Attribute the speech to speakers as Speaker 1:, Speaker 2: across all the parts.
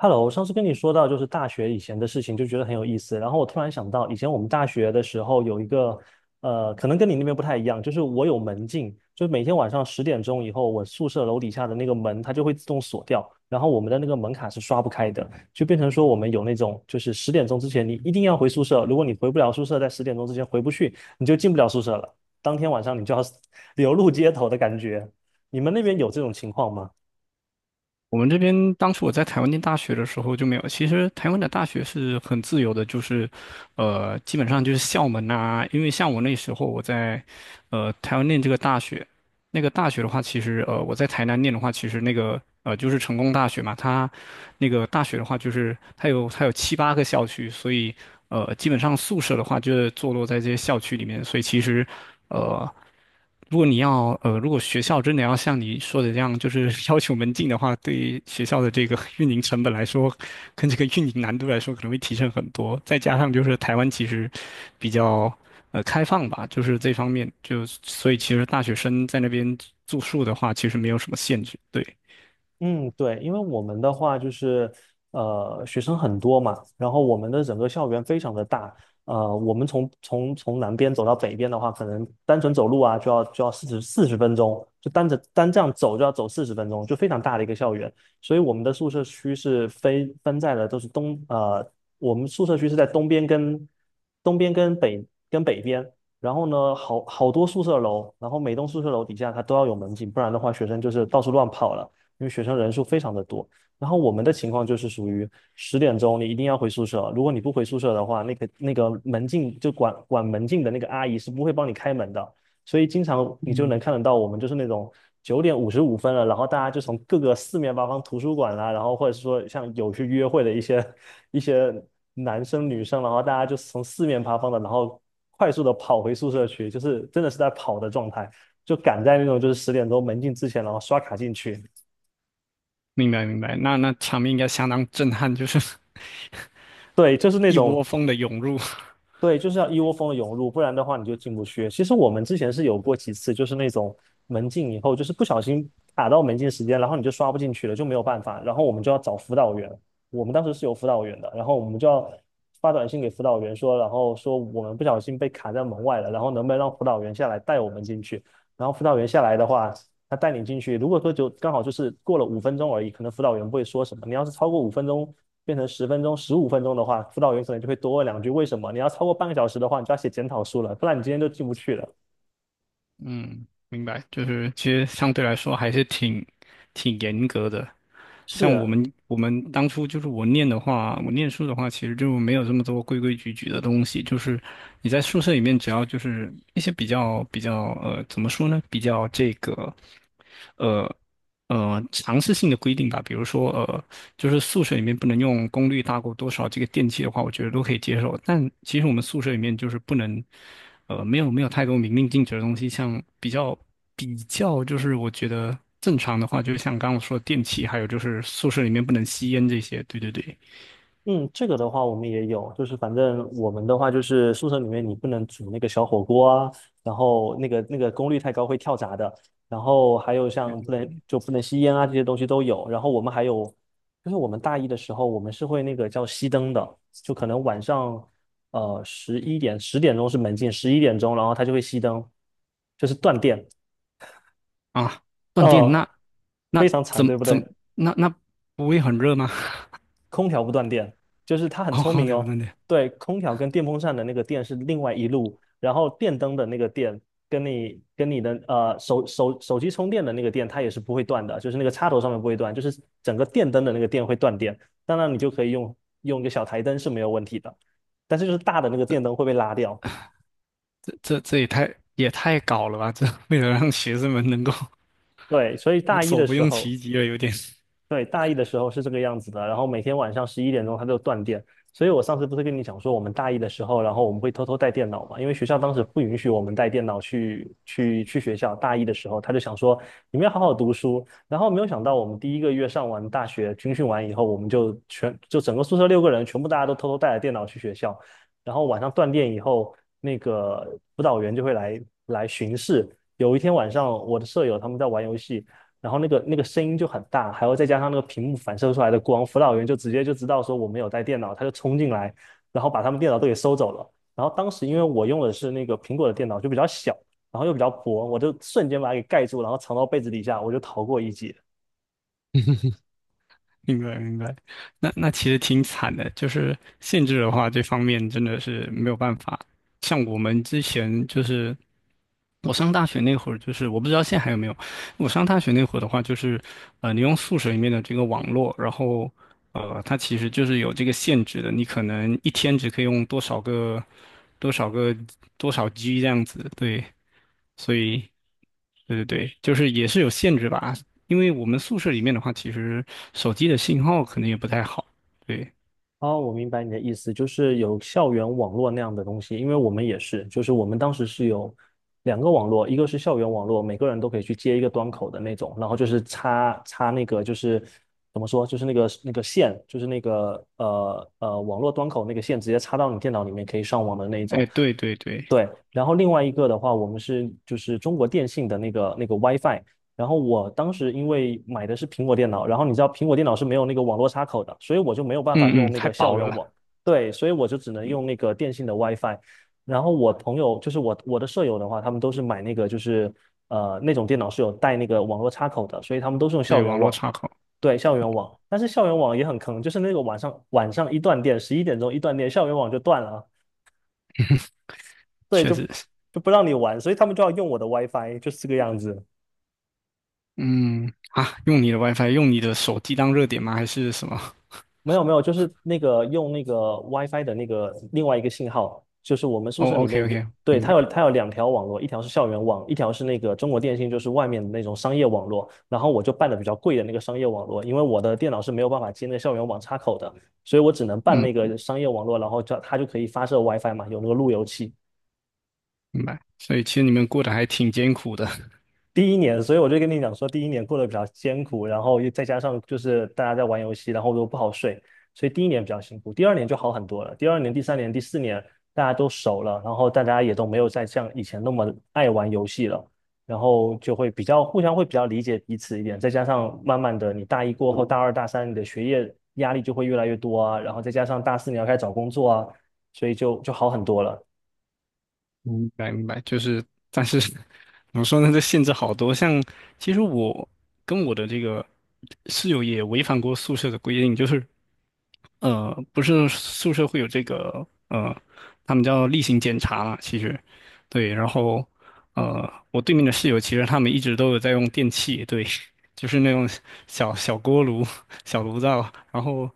Speaker 1: Hello，我上次跟你说到就是大学以前的事情，就觉得很有意思。然后我突然想到，以前我们大学的时候有一个，可能跟你那边不太一样，就是我有门禁，就是每天晚上十点钟以后，我宿舍楼底下的那个门它就会自动锁掉，然后我们的那个门卡是刷不开的，就变成说我们有那种就是十点钟之前你一定要回宿舍，如果你回不了宿舍，在十点钟之前回不去，你就进不了宿舍了，当天晚上你就要 流露街头的感觉。你们那边有这种情况吗？
Speaker 2: 我们这边当初我在台湾念大学的时候就没有。其实台湾的大学是很自由的，就是，基本上就是校门啊。因为像我那时候我在，台湾念这个大学，那个大学的话，其实我在台南念的话，其实那个就是成功大学嘛，它那个大学的话，就是它有7、8个校区，所以基本上宿舍的话就是坐落在这些校区里面，所以其实呃如果学校真的要像你说的这样，就是 要求门禁的话，对于学校的这个 运营成本来说，跟这个运营难度来说可能会提升很多，再加上就是台湾其实比较，开放吧，就是这方面，就所以其实大学生在那边住宿的话，其实没有什么限制。对，
Speaker 1: 嗯，对，因为我们的话就是，学生很多嘛，然后我们的整个校园非常的大，我们从南边走到北边的话，可能单纯走路啊，就要四十分钟，就单着单这样走就要走四十分钟，就非常大的一个校园，所以我们的宿舍区是分在了都是东，我们宿舍区是在东边跟北边。然后呢，好多宿舍楼，然后每栋宿舍楼底下它都要有门禁，不然的话学生就是到处乱跑了。因为学生人数非常的多。然后我们的情况就是属于十点钟你一定要回宿舍，如果你不回宿舍的话，那个门禁就管门禁的那个阿姨是不会帮你开门的，所以经常你就能看得到我们就是那种9:55了，然后大家就从各个四面八方图书馆啦，然后或者是说像有去约会的一些男生女生，然后大家就从四面八方的，然后快速的跑回宿舍去，就是真的是在跑的状态，就赶在那种就是十点钟门禁之前，然后刷卡进去。
Speaker 2: 明白明白，那场面应该相当震撼，就是
Speaker 1: 对，就是 那
Speaker 2: 一
Speaker 1: 种，
Speaker 2: 窝蜂的涌入。
Speaker 1: 对，就是要一窝蜂的涌入，不然的话你就进不去。其实我们之前是有过几次，就是那种门禁以后，就是不小心卡到门禁时间，然后你就刷不进去了，就没有办法，然后我们就要找辅导员。我们当时是有辅导员的，然后我们就要发短信给辅导员说，然后说我们不小心被卡在门外了，然后能不能让辅导员下来带我们进去？然后辅导员下来的话，他带你进去，如果说就刚好就是过了五分钟而已，可能辅导员不会说什么。你要是超过五分钟变成十分钟、15分钟的话，辅导员可能就会多问两句为什么。你要超过半个小时的话，你就要写检讨书了，不然你今天就进不去了。
Speaker 2: 嗯，明白，就是其实相对来说还是挺严格的。
Speaker 1: 是
Speaker 2: 像我
Speaker 1: 啊，
Speaker 2: 们我们当初就是我念书的话，其实就没有这么多规规矩矩的东西。就是你在宿舍里面，只要就是一些比较，怎么说呢？比较这个呃尝试性的规定吧。比如说就是宿舍里面不能用功率大过多少这个电器的话，我觉得都可以接受。但其实我们宿舍里面就是不能呃没有没有太多明令禁止的东西，像比较。比较就是我觉得正常的话，就是像刚刚我说的电器，还有就是宿舍里面不能吸烟这些。对对对，
Speaker 1: 嗯，这个的话我们也有，就是反正我们的话就是宿舍里面你不能煮那个小火锅啊，然后那个功率太高会跳闸的，然后还有像不能吸烟啊这些东西都有，然后我们还有就是我们大一的时候我们是会那个叫熄灯的，就可能晚上十点钟是门禁，十一点钟然后它就会熄灯，就是断电，
Speaker 2: 啊，断电那
Speaker 1: 呃，
Speaker 2: 那
Speaker 1: 非常
Speaker 2: 怎
Speaker 1: 惨，
Speaker 2: 么
Speaker 1: 对不
Speaker 2: 怎么
Speaker 1: 对？
Speaker 2: 那不会很热吗？
Speaker 1: 空调不断电，就是它很
Speaker 2: 哦，
Speaker 1: 聪
Speaker 2: 空
Speaker 1: 明
Speaker 2: 调
Speaker 1: 哦。
Speaker 2: 断电，
Speaker 1: 对，空调跟电风扇的那个电是另外一路，然后电灯的那个电跟你的手机充电的那个电，它也是不会断的，就是那个插头上面不会断，就是整个电灯的那个电会断电。当然，你就可以用一个小台灯是没有问题的，但是就是大的那个电灯会被拉掉。
Speaker 2: 这也太搞了吧！这 为了让学生们能够
Speaker 1: 对，所以
Speaker 2: 无
Speaker 1: 大一
Speaker 2: 所
Speaker 1: 的
Speaker 2: 不
Speaker 1: 时
Speaker 2: 用
Speaker 1: 候。
Speaker 2: 其极了，有点。
Speaker 1: 对，大一的时候是这个样子的，然后每天晚上十一点钟它就断电，所以我上次不是跟你讲说，我们大一的时候，然后我们会偷偷带电脑嘛，因为学校当时不允许我们带电脑去学校。大一的时候，他就想说你们要好好读书，然后没有想到我们第一个月上完大学军训完以后，我们就全就整个宿舍6个人全部大家都偷偷带着电脑去学校，然后晚上断电以后，那个辅导员就会来巡视。有一天晚上，我的舍友他们在玩游戏。然后那个声音就很大，还有再加上那个屏幕反射出来的光，辅导员就直接就知道说我没有带电脑，他就冲进来，然后把他们电脑都给收走了。然后当时因为我用的是那个苹果的电脑，就比较小，然后又比较薄，我就瞬间把它给盖住，然后藏到被子底下，我就逃过一劫。
Speaker 2: 明白明白，那其实挺惨的，就是限制的话，这方面真的是没有办法。像我们之前就是。我上大学那会儿，就是我不知道现在还有没有。我上大学那会儿的话，就是你用宿舍里面的这个网络，然后它其实就是有这个限制的，你可能一天只可以用多少个、多少 G 这样子。对，所以对对对，就是也是有限制吧。因为我们宿舍里面的话，其实手机的信号可能也不太好。对，
Speaker 1: 哦，我明白你的意思，就是有校园网络那样的东西，因为我们也是，就是我们当时是有2个网络，一个是校园网络，每个人都可以去接一个端口的那种，然后就是插那个就是怎么说，就是那个线，就是那个网络端口那个线直接插到你电脑里面可以上网的那一
Speaker 2: 哎，
Speaker 1: 种。
Speaker 2: 对对对，
Speaker 1: 对，然后另外一个的话，我们是就是中国电信的那个 WiFi，然后我当时因为买的是苹果电脑，然后你知道苹果电脑是没有那个网络插口的，所以我就没有办法
Speaker 2: 嗯
Speaker 1: 用
Speaker 2: 嗯，
Speaker 1: 那
Speaker 2: 太
Speaker 1: 个校
Speaker 2: 薄
Speaker 1: 园
Speaker 2: 了，
Speaker 1: 网，对，所以我就只能
Speaker 2: 嗯，
Speaker 1: 用那个电信的 WiFi。然后我朋友就是我的舍友的话，他们都是买那个就是那种电脑是有带那个网络插口的，所以他们都是用
Speaker 2: 对，
Speaker 1: 校园
Speaker 2: 网络
Speaker 1: 网，
Speaker 2: 插口
Speaker 1: 对，校园网。但是校园网也很坑，就是那个晚上一断电，十一点钟一断电，校园网就断了啊，对，
Speaker 2: 确
Speaker 1: 就
Speaker 2: 实。是。
Speaker 1: 就不让你玩，所以他们就要用我的 WiFi，就是这个样子。
Speaker 2: 嗯，啊，用你的 WiFi，用你的手机当热点吗？还是什么？
Speaker 1: 没有没有，就是那个用那个 WiFi 的那个另外一个信号，就是我们宿
Speaker 2: 哦
Speaker 1: 舍里
Speaker 2: ，OK
Speaker 1: 面有，
Speaker 2: OK，
Speaker 1: 对，
Speaker 2: 明
Speaker 1: 它有
Speaker 2: 白，
Speaker 1: 它有2条网络，一条是校园网，一条是那个中国电信，就是外面的那种商业网络。然后我就办的比较贵的那个商业网络，因为我的电脑是没有办法接那个校园网插口的，所以我只能办
Speaker 2: 嗯，
Speaker 1: 那个商业网络，然后就它就可以发射 WiFi 嘛，有那个路由器。
Speaker 2: 明白。所以其实你们过得还挺艰苦的。
Speaker 1: 第一年，所以我就跟你讲说，第一年过得比较艰苦，然后又再加上就是大家在玩游戏，然后又不好睡，所以第一年比较辛苦。第二年就好很多了，第二年、第三年、第四年大家都熟了，然后大家也都没有再像以前那么爱玩游戏了，然后就会比较互相会比较理解彼此一点。再加上慢慢的，你大一过后，大二、大三你的学业压力就会越来越多啊，然后再加上大四你要开始找工作啊，所以就好很多了。
Speaker 2: 明白明白，就是，但是 怎么说呢？这限制好多。像其实我跟我的这个室友也违反过宿舍的规定，就是不是宿舍会有这个，他们叫例行检查啦，其实对。然后我对面的室友其实他们一直都有在用电器，对，就是那种小小锅炉、小炉灶。然后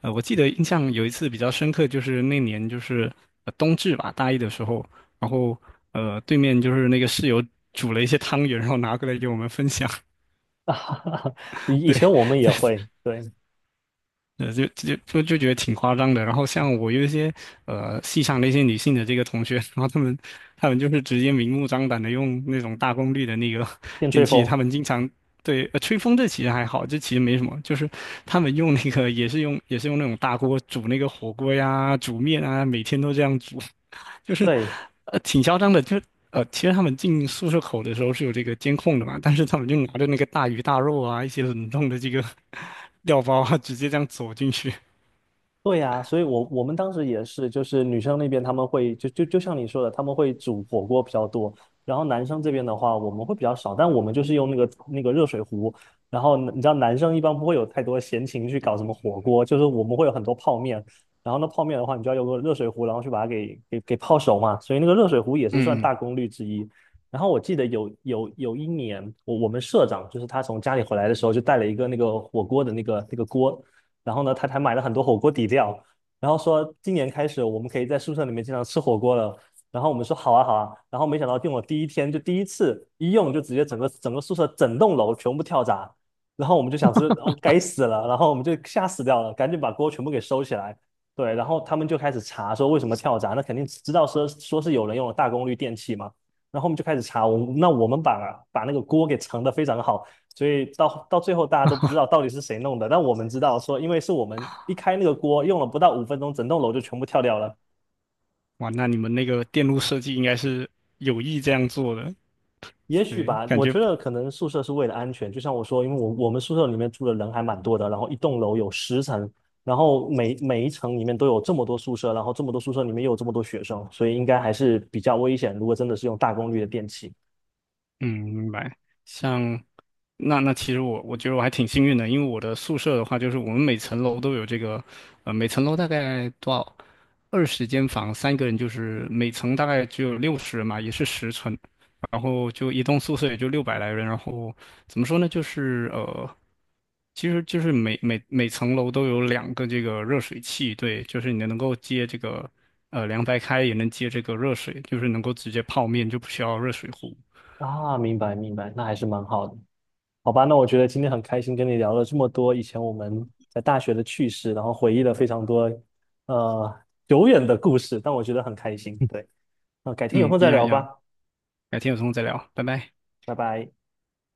Speaker 2: 我记得印象有一次比较深刻，就是那年就是、冬至吧，大一的时候。然后对面就是那个室友煮了一些汤圆，然后拿过来给我们分享。
Speaker 1: 以
Speaker 2: 对，
Speaker 1: 前我们也会，对，
Speaker 2: 就觉得挺夸张的。然后像我有一些戏上的一些女性的这个同学，然后她们就是直接明目张胆的用那种大功率的那个
Speaker 1: 电
Speaker 2: 电
Speaker 1: 吹
Speaker 2: 器，
Speaker 1: 风。
Speaker 2: 她们经常。对，吹风这其实还好，这其实没什么，就是他们用那个也是用那种大锅煮那个火锅呀、煮面啊，每天都这样煮。就是
Speaker 1: 对，
Speaker 2: 挺嚣张的，就其实他们进宿舍口的时候是有这个监控的嘛，但是他们就拿着那个大鱼大肉啊，一些冷冻的这个 料包啊，直接这样走进去。
Speaker 1: 对呀，所以我们当时也是，就是女生那边他们会就像你说的，他们会煮火锅比较多，然后男生这边的话我们会比较少，但我们就是用那个热水壶，然后你知道男生一般不会有太多闲情去搞什么火锅，就是我们会有很多泡面，然后那泡面的话你就要用个热水壶，然后去把它给泡熟嘛，所以那个热水壶也是算
Speaker 2: 嗯嗯。
Speaker 1: 大功率之一。然后我记得有一年，我们社长就是他从家里回来的时候，就带了一个那个火锅的那个锅，然后呢，他还买了很多火锅底料，然后说今年开始我们可以在宿舍里面经常吃火锅了。然后我们说好啊好啊，然后没想到订了第一天就第一次一用就直接整个宿舍整栋楼全部跳闸，然后我们就想是哦该死了，然后我们就吓死掉了，赶紧把锅全部给收起来。对，然后他们就开始查说为什么跳闸，那肯定知道说是有人用了大功率电器嘛，然后我们就开始查，我们把那个锅给盛的非常好，所以到最后大家都不知道到底是谁弄的，但我们知道说，因为是我们一开那个锅，用了不到五分钟，整栋楼就全部跳掉了。
Speaker 2: 哇，那你们那个电路设计应该是有意这样做的，
Speaker 1: 也许
Speaker 2: 对，
Speaker 1: 吧，
Speaker 2: 感
Speaker 1: 我
Speaker 2: 觉
Speaker 1: 觉得可能宿舍是为了安全，就像我说，因为我们宿舍里面住的人还蛮多的，然后一栋楼有10层，然后每一层里面都有这么多宿舍，然后这么多宿舍里面又有这么多学生，所以应该还是比较危险。如果真的是用大功率的电器，
Speaker 2: 嗯，明白。像那其实我觉得我还挺幸运的，因为我的宿舍的话，就是我们每层楼都有这个，每层楼大概多少20间房，3个人就是每层大概只有60人嘛，也是10层，然后就一栋宿舍也就600来人，然后怎么说呢，就是。其实就是每层楼都有2个这个热水器，对，就是你能够接这个凉白开，也能接这个热水，就是能够直接泡面，就不需要热水壶。
Speaker 1: 啊，明白明白，那还是蛮好的。好吧，那我觉得今天很开心跟你聊了这么多以前我们在大学的趣事，然后回忆了非常多呃久远的故事，但我觉得很开心。对，那改天有
Speaker 2: 嗯，
Speaker 1: 空
Speaker 2: 一
Speaker 1: 再
Speaker 2: 样
Speaker 1: 聊
Speaker 2: 一样，
Speaker 1: 吧，
Speaker 2: 改天有空再聊，拜拜。
Speaker 1: 拜拜。